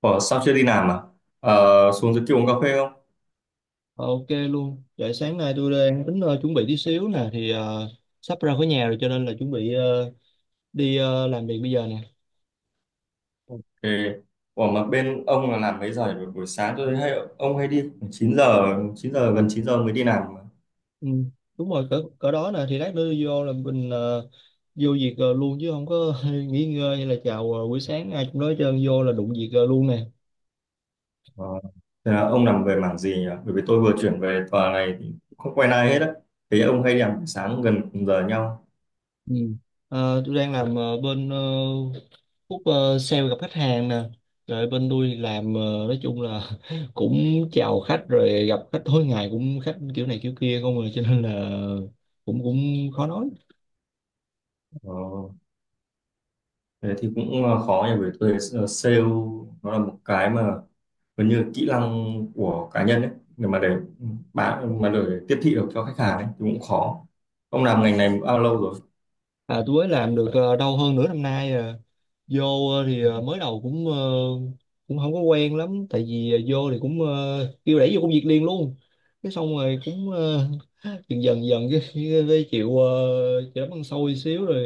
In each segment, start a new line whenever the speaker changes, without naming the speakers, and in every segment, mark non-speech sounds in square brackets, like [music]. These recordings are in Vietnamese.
Ủa, sao chưa đi làm à? Ờ, Xuống dưới kia uống cà phê không?
Ok luôn. Vậy sáng nay tôi đang tính chuẩn bị tí xíu nè thì sắp ra khỏi nhà rồi, cho nên là chuẩn bị đi làm việc bây giờ nè.
Thì, ủa mà bên ông là làm mấy giờ nhỉ? Buổi sáng tôi thấy hay, ông hay đi khoảng 9 giờ, gần 9 giờ mới đi làm mà.
Ừ, đúng rồi, cỡ cỡ đó nè, thì lát nữa vô là mình vô việc luôn chứ không có [laughs] nghỉ ngơi hay là chào buổi sáng ai cũng nói hết trơn, vô là đụng việc luôn nè.
Ờ, Thế là ông làm về mảng gì nhỉ? Bởi vì tôi vừa chuyển về tòa này thì không quen ai hết á. Thế ông hay đi làm buổi sáng gần cùng giờ nhau.
Ừ. Ờ, tôi đang làm bên khúc sale, gặp khách hàng nè. Rồi bên tôi thì làm, nói chung là [laughs] cũng chào khách rồi gặp khách tối ngày, cũng khách kiểu này kiểu kia không, rồi cho nên là cũng cũng khó nói.
Ờ. Thế thì cũng khó nhỉ, bởi tôi thấy, sale nó là một cái mà gần như là kỹ năng của cá nhân ấy, để mà để bán, mà để tiếp thị được cho khách hàng ấy thì cũng khó. Ông làm ngành này bao lâu rồi?
À, tôi mới làm được đâu hơn nửa năm nay à. Vô thì mới đầu cũng không có quen lắm, tại vì vô thì cũng kêu đẩy vô công việc liền luôn. Cái xong rồi cũng dần dần dần cái chịu, chịu đấm ăn xôi xíu rồi,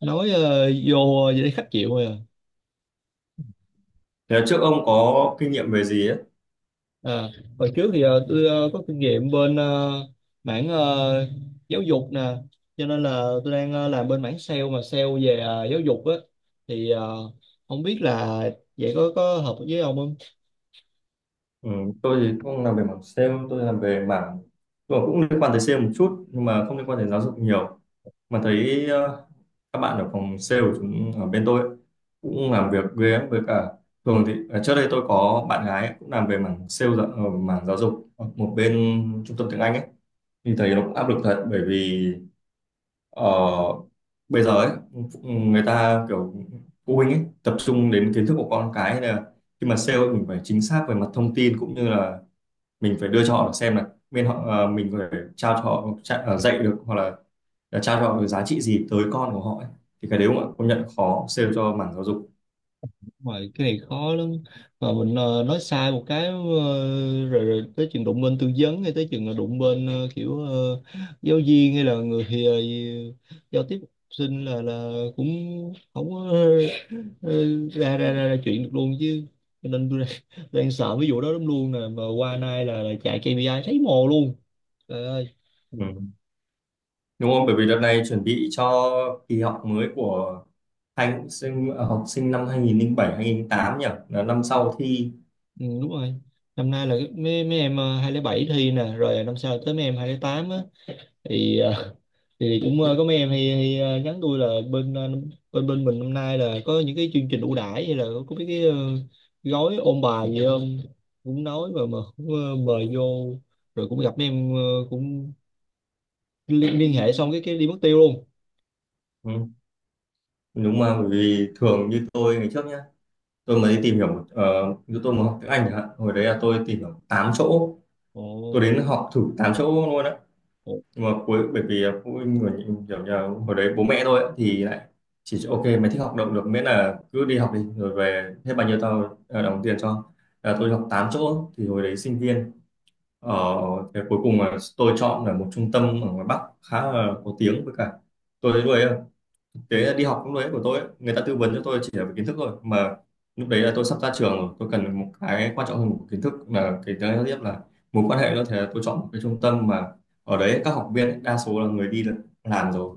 nói vô vậy thấy khách chịu rồi à.
Thế trước ông có kinh nghiệm về gì ấy?
À, hồi trước thì tôi có kinh nghiệm bên mảng giáo dục nè, cho nên là tôi đang làm bên mảng sale, mà sale về giáo dục á. Thì không biết là vậy có hợp với ông không.
Ừ, tôi thì không làm về mảng sale, tôi làm về mảng, tôi cũng liên quan tới sale một chút nhưng mà không liên quan tới giáo dục nhiều mà thấy các bạn ở phòng sale của chúng ở bên tôi ấy, cũng làm việc ghê với cả thường thì à, trước đây tôi có bạn gái ấy, cũng làm về mảng sale ở mảng giáo dục ở một bên trung tâm tiếng Anh ấy, thì thấy nó cũng áp lực thật. Bởi vì ờ, bây giờ ấy, người ta kiểu phụ huynh ấy tập trung đến kiến thức của con cái, nên là khi mà sale ấy, mình phải chính xác về mặt thông tin, cũng như là mình phải đưa cho họ xem là bên họ mình phải trao cho họ dạy được, hoặc là trao cho họ cái giá trị gì tới con của họ ấy. Thì cái đấy cũng công nhận khó sale cho mảng giáo dục.
Ngoài cái này khó lắm, mà mình nói sai một cái rồi tới chừng đụng bên tư vấn, hay tới chừng là đụng bên kiểu giáo viên, hay là người giao tiếp học sinh, là cũng không có ờ, ra, ra ra ra chuyện được luôn chứ. Cho nên tôi đang sợ ví dụ đó lắm luôn nè, mà qua nay là chạy KPI thấy mồ luôn. Trời ơi.
Ừ. Đúng không, bởi vì đợt này chuẩn bị cho kỳ học mới của học sinh năm 2007 2008 nhỉ, là năm sau thi.
Ừ, đúng rồi. Năm nay là mấy mấy em 2007 thi nè, rồi năm sau tới mấy em 208 á. Thì thì cũng có mấy em hay nhắn tôi là bên bên bên mình năm nay là có những cái chương trình ưu đãi, hay là có mấy cái gói ôn bài gì không. Cũng nói, mà cũng mời vô. Rồi cũng gặp mấy em cũng liên hệ xong cái đi mất tiêu luôn.
Ừ. Đúng mà, bởi vì thường như tôi ngày trước nhá, tôi mới đi tìm hiểu như tôi mới học tiếng Anh chẳng hạn, hồi đấy là tôi tìm hiểu 8 chỗ, tôi
Ồ,
đến học thử 8 chỗ luôn á.
ồ.
Nhưng mà cuối bởi vì phụ huynh của những kiểu như là hồi đấy bố mẹ thôi ấy, thì lại chỉ cho, ok mày thích học động được miễn là cứ đi học đi, rồi về hết bao nhiêu tao đóng tiền cho. Là tôi học 8 chỗ thì hồi đấy sinh viên ở, thế cuối cùng là tôi chọn là một trung tâm ở ngoài Bắc khá là có tiếng, với cả tôi thấy lúc ấy. Thế
Ừ.
là đi học lúc đấy của tôi ấy, người ta tư vấn cho tôi chỉ là về kiến thức thôi, mà lúc đấy là tôi sắp ra trường rồi, tôi cần một cái quan trọng hơn một kiến thức là cái thứ tiếp là mối quan hệ nữa. Thế là tôi chọn một cái trung tâm mà ở đấy các học viên ấy, đa số là người đi làm rồi.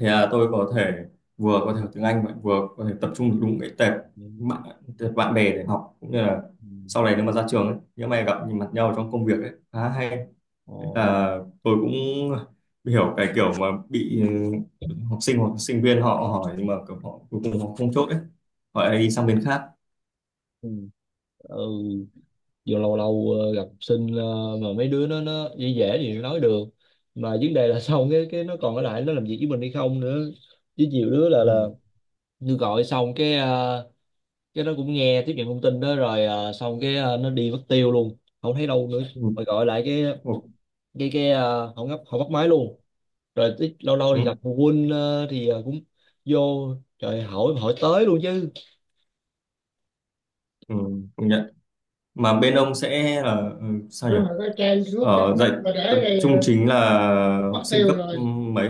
Thế là tôi có thể vừa có thể học tiếng Anh mà vừa có thể tập trung được đúng cái tệp
Ừ,
bạn, tệp bạn bè để học, cũng như là
ừ.
sau này nếu mà ra trường ấy, nếu mà gặp nhìn mặt nhau trong công việc ấy khá hay.
Ồ.
À, tôi cũng hiểu cái kiểu mà bị ừ, học sinh hoặc sinh viên họ hỏi nhưng mà kiểu họ cuối cùng họ không chốt ấy, họ lại đi sang bên khác.
Ừ. Ừ. Giờ lâu lâu gặp học sinh, mà mấy đứa nó dễ dễ thì nói được, mà vấn đề là [laughs] xong cái nó còn ở lại nó làm việc với mình hay không nữa. Với nhiều đứa là
Ừ.
là tôi gọi xong cái, cái nó cũng nghe tiếp nhận thông tin đó rồi, xong cái nó đi mất tiêu luôn, không thấy đâu nữa.
Ừ.
Rồi gọi lại cái
Ừ.
cái cái không ngấp không bắt máy luôn. Rồi lâu lâu
Ừ.
thì gặp phụ huynh, thì cũng vô, trời, hỏi hỏi tới luôn chứ.
Ừ. Công nhận. Mà bên ông sẽ là ừ, sao nhỉ,
Rồi cái trang xuống
ở
chắc
dạy
mất, mà để
tập
đây
trung chính là học
mất
sinh
tiêu
cấp ừ,
rồi.
mấy.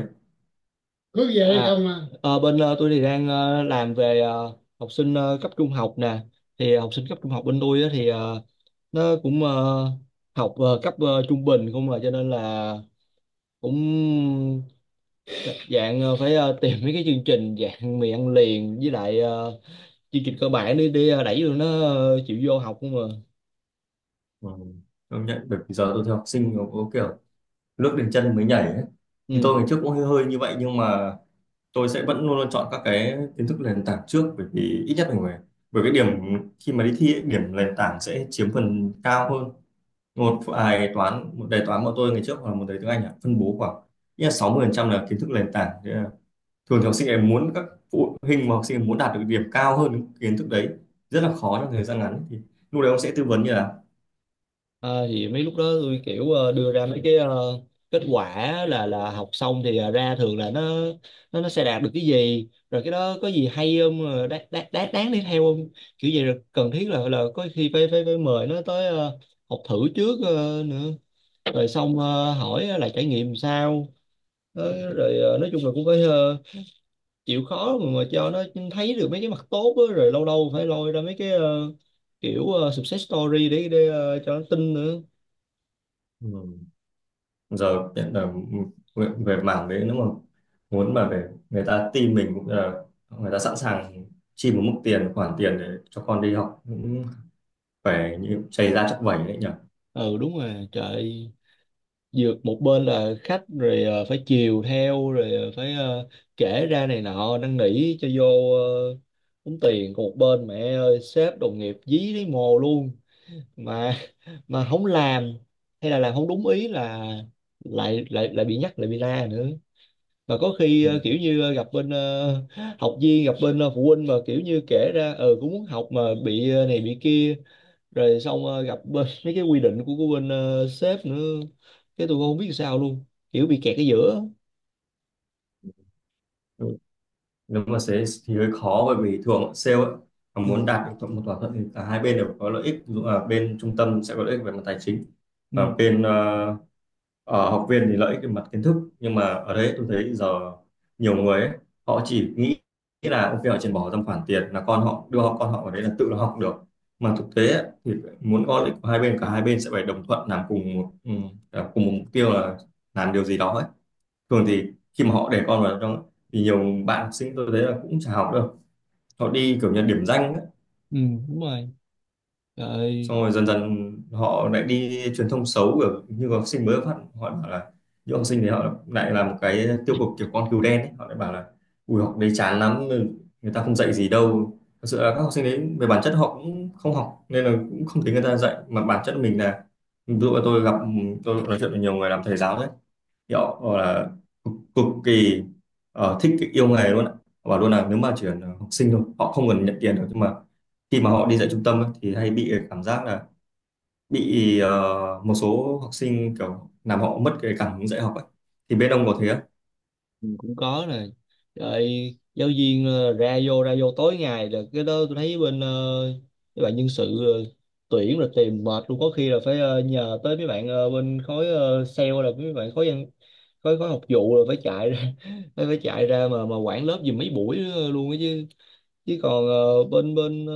Cứ vậy à, không à. Ờ, Bên tôi thì đang làm về học sinh cấp trung học nè. Thì học sinh cấp trung học bên tôi á thì nó cũng học cấp trung bình không mà, cho nên là cũng dạng phải tìm mấy cái chương trình dạng mì ăn liền, với lại chương trình cơ bản, để đẩy tụi nó chịu vô học không mà.
Ừ. Công nhận, bởi vì giờ tôi thấy học sinh nó có kiểu nước đến chân mới nhảy ấy. Thì tôi
Ừ.
ngày trước cũng hơi hơi như vậy, nhưng mà tôi sẽ vẫn luôn luôn chọn các cái kiến thức nền tảng trước, bởi vì ít nhất mình phải, bởi cái điểm khi mà đi thi ấy, điểm nền tảng sẽ chiếm phần cao hơn. Một bài toán một đề toán của tôi ngày trước hoặc là một đề tiếng Anh ạ, phân bố khoảng ít là 60% là kiến thức nền tảng. Thế là thường thì học sinh em muốn các phụ huynh mà học sinh em muốn đạt được điểm cao hơn những kiến thức đấy rất là khó trong thời gian ngắn, thì lúc đấy ông sẽ tư vấn như là.
Ờ, thì mấy lúc đó tôi kiểu đưa ra mấy cái kết quả, là học xong thì ra thường là nó sẽ đạt được cái gì, rồi cái đó có gì hay không, đáng đáng đáng đáng đi theo không, kiểu vậy. Rồi cần thiết là có khi phải phải phải mời nó tới học thử trước nữa. Rồi xong hỏi là trải nghiệm sao. Ờ, rồi nói chung là cũng phải chịu khó mà cho nó thấy được mấy cái mặt tốt á. Rồi lâu lâu phải lôi ra mấy cái kiểu success story để cho nó tin nữa.
Ừ, giờ hiện là về về mảng đấy, nếu mà muốn mà về người ta tin mình, cũng là người ta sẵn sàng chi một mức tiền khoản tiền để cho con đi học cũng phải như chảy ra chắc vẩy đấy nhỉ.
Ừ, đúng rồi. Trời ơi. Vừa một bên là khách rồi phải chiều theo, rồi phải kể ra này nọ, năn nỉ cho vô ờ, tốn tiền. Còn một bên, mẹ ơi, sếp đồng nghiệp dí lấy mồ luôn. Mà mà không làm, hay là làm không đúng ý, là lại lại lại bị nhắc, lại bị la nữa. Mà có khi
Ừ.
kiểu như gặp bên học viên, gặp bên phụ huynh, mà kiểu như kể ra ờ cũng muốn học, mà bị này bị kia. Rồi xong gặp bên [laughs] mấy cái quy định của bên sếp nữa, cái tụi con không biết sao luôn, kiểu bị kẹt ở giữa.
Ừ, nếu mà thế thì hơi khó, bởi vì thường sale ấy, mà muốn
Ừ.
đạt được một thỏa thuận thì cả hai bên đều có lợi ích, ví dụ là bên trung tâm sẽ có lợi ích về mặt tài chính, và
Ừ.
bên học viên thì lợi ích về mặt kiến thức. Nhưng mà ở đấy tôi thấy giờ nhiều người ấy, họ chỉ nghĩ nghĩ là ok họ chỉ bỏ ra một khoản tiền là con họ đưa họ con họ ở đấy là tự nó học được. Mà thực tế ấy, thì muốn có lợi ích của hai bên, cả hai bên sẽ phải đồng thuận làm cùng một ừ, làm cùng một mục tiêu là làm điều gì đó ấy. Thường thì khi mà họ để con vào trong thì nhiều bạn học sinh tôi thấy là cũng chả học đâu, họ đi kiểu như điểm danh ấy.
Ừ, đúng rồi. Trời.
Xong rồi dần dần họ lại đi truyền thông xấu kiểu như học sinh mới phát, họ bảo là những học sinh thì họ lại làm cái tiêu cực kiểu con cừu đen ấy. Họ lại bảo là ui học đấy chán lắm, người ta không dạy gì đâu. Thật sự là các học sinh đấy về bản chất họ cũng không học nên là cũng không thấy người ta dạy, mà bản chất mình là, ví dụ là tôi gặp tôi nói chuyện với nhiều người làm thầy giáo đấy, thì họ bảo là cực, cực kỳ thích cái yêu nghề luôn ạ. Họ bảo luôn là nếu mà chỉ cần học sinh thôi, họ không cần nhận tiền được, nhưng mà khi mà họ đi dạy trung tâm ấy, thì hay bị cảm giác là bị một số học sinh kiểu làm họ mất cái cảm hứng dạy học ấy. Thì bên ông có thế không?
Ừ, cũng có nè. Rồi giáo viên ra vô tối ngày, là cái đó tôi thấy bên mấy bạn nhân sự tuyển là tìm mệt luôn. Có khi là phải nhờ tới mấy bạn bên khối sale, là mấy bạn khối văn, khối khối học vụ, là phải chạy ra [laughs] phải phải chạy ra mà quản lớp giùm mấy buổi nữa luôn á chứ chứ còn bên bên ờ,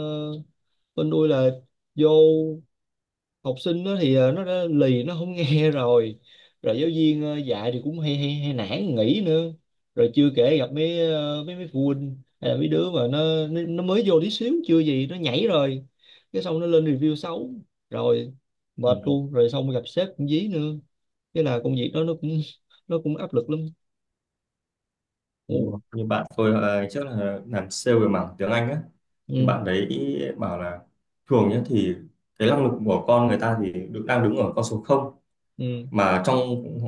bên tôi là vô, học sinh nó thì nó đã lì, nó không nghe [laughs] rồi rồi giáo viên dạy thì cũng hay, hay nản nghỉ nữa. Rồi chưa kể gặp mấy mấy mấy phụ huynh, hay là mấy đứa mà nó mới vô tí xíu, chưa gì nó nhảy rồi, cái xong nó lên review xấu. Rồi
Ừ.
mệt luôn, rồi xong gặp sếp cũng dí nữa. Thế là công việc đó nó cũng [laughs] nó cũng áp lực lắm.
Đúng
Ừ.
rồi. Như bạn tôi trước là làm sale về mảng tiếng Anh á, thì
Ừ.
bạn đấy bảo là thường nhé thì cái năng lực của con người ta thì được đang đứng ở con số không,
Ừ.
mà trong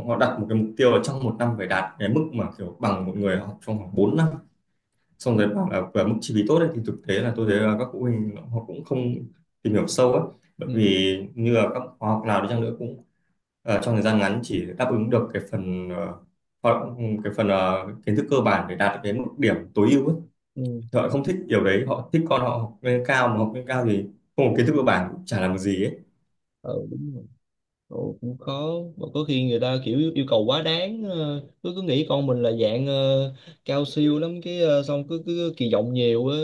họ đặt một cái mục tiêu là trong một năm phải đạt cái mức mà kiểu bằng một người học trong khoảng 4 năm. Xong rồi bảo là và mức chi phí tốt ấy, thì thực tế là tôi thấy là các phụ huynh họ cũng không tìm hiểu sâu ấy. Bởi
Ừ,
vì như là các khóa học nào đi chăng nữa cũng trong thời gian ngắn chỉ đáp ứng được cái phần họ- cái phần kiến thức cơ bản để đạt được đến một điểm tối ưu ấy.
ừ.
Thì họ không thích điều đấy, họ thích con họ học lên cao, mà học lên cao thì không có kiến thức cơ bản cũng chả làm được gì ấy.
Ờ, đúng rồi. Ồ, cũng khó, mà có khi người ta kiểu yêu cầu quá đáng, cứ cứ nghĩ con mình là dạng cao siêu lắm, cái xong cứ cứ kỳ vọng nhiều á.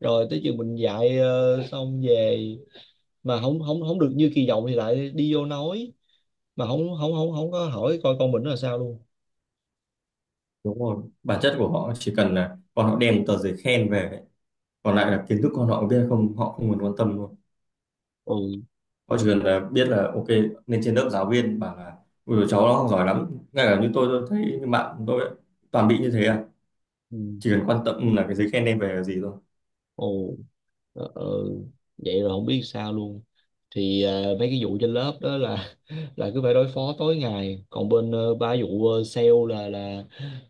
Rồi tới chừng mình dạy xong về mà không không không được như kỳ vọng, thì lại đi vô nói mà không không không không có hỏi coi con mình nó là sao luôn.
Đúng rồi, bản chất của họ chỉ cần là con họ đem một tờ giấy khen về ấy. Còn lại là kiến thức con họ biết hay không họ không cần quan tâm.
Ừ.
Họ chỉ cần là biết là ok lên trên lớp giáo viên bảo là ui cháu nó không giỏi lắm. Ngay cả như tôi thấy như bạn tôi ấy, toàn bị như thế à.
Ừ.
Chỉ cần quan tâm là cái giấy khen đem về là gì thôi.
Ồ. ờ, ờ, Vậy rồi không biết sao luôn. Thì mấy cái vụ trên lớp đó là [laughs] là cứ phải đối phó tối ngày. Còn bên ba vụ sale là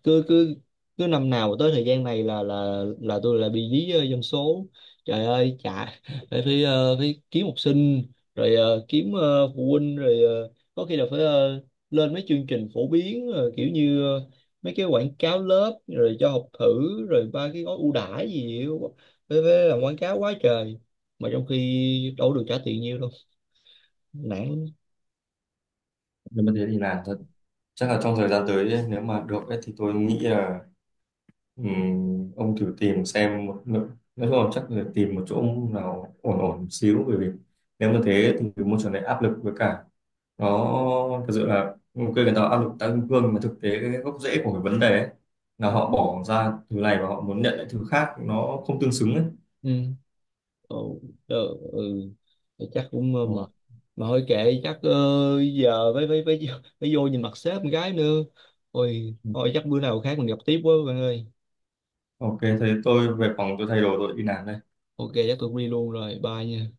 cứ cứ cứ năm nào mà tới thời gian này là tôi lại bị dí dân số. Trời ơi, chả [laughs] phải phải, ờ, phải kiếm học sinh, rồi kiếm phụ huynh. Rồi có khi là phải lên mấy chương trình phổ biến kiểu như mấy cái quảng cáo lớp rồi cho học thử, rồi ba cái gói ưu đãi gì ấy. Phải làm quảng cáo quá trời, mà trong khi đâu có được trả tiền nhiêu đâu. Nản.
Nếu mà thế thì làm thật. Chắc là trong thời gian tới ấy, nếu mà được ấy, thì tôi nghĩ là ông thử tìm xem một nói chung là chắc là tìm một chỗ nào ổn ổn một xíu. Bởi vì nếu mà thế thì môi trường này áp lực, với cả nó thực sự là ok người ta áp lực tăng kim cương, mà thực tế cái gốc rễ của cái vấn đề ấy, là họ bỏ ra thứ này và họ muốn nhận lại thứ khác nó không tương xứng ấy.
Ừ. Ồ. Ờ. Ừ. Thì chắc cũng
Ờ,
mệt, mà thôi kệ, chắc giờ phải phải vô nhìn mặt sếp con gái nữa. Ôi thôi, chắc bữa nào khác mình gặp tiếp quá bạn ơi.
ok thế tôi về phòng tôi thay đồ tôi đi làm đây.
Ok, chắc tôi đi luôn rồi, bye nha.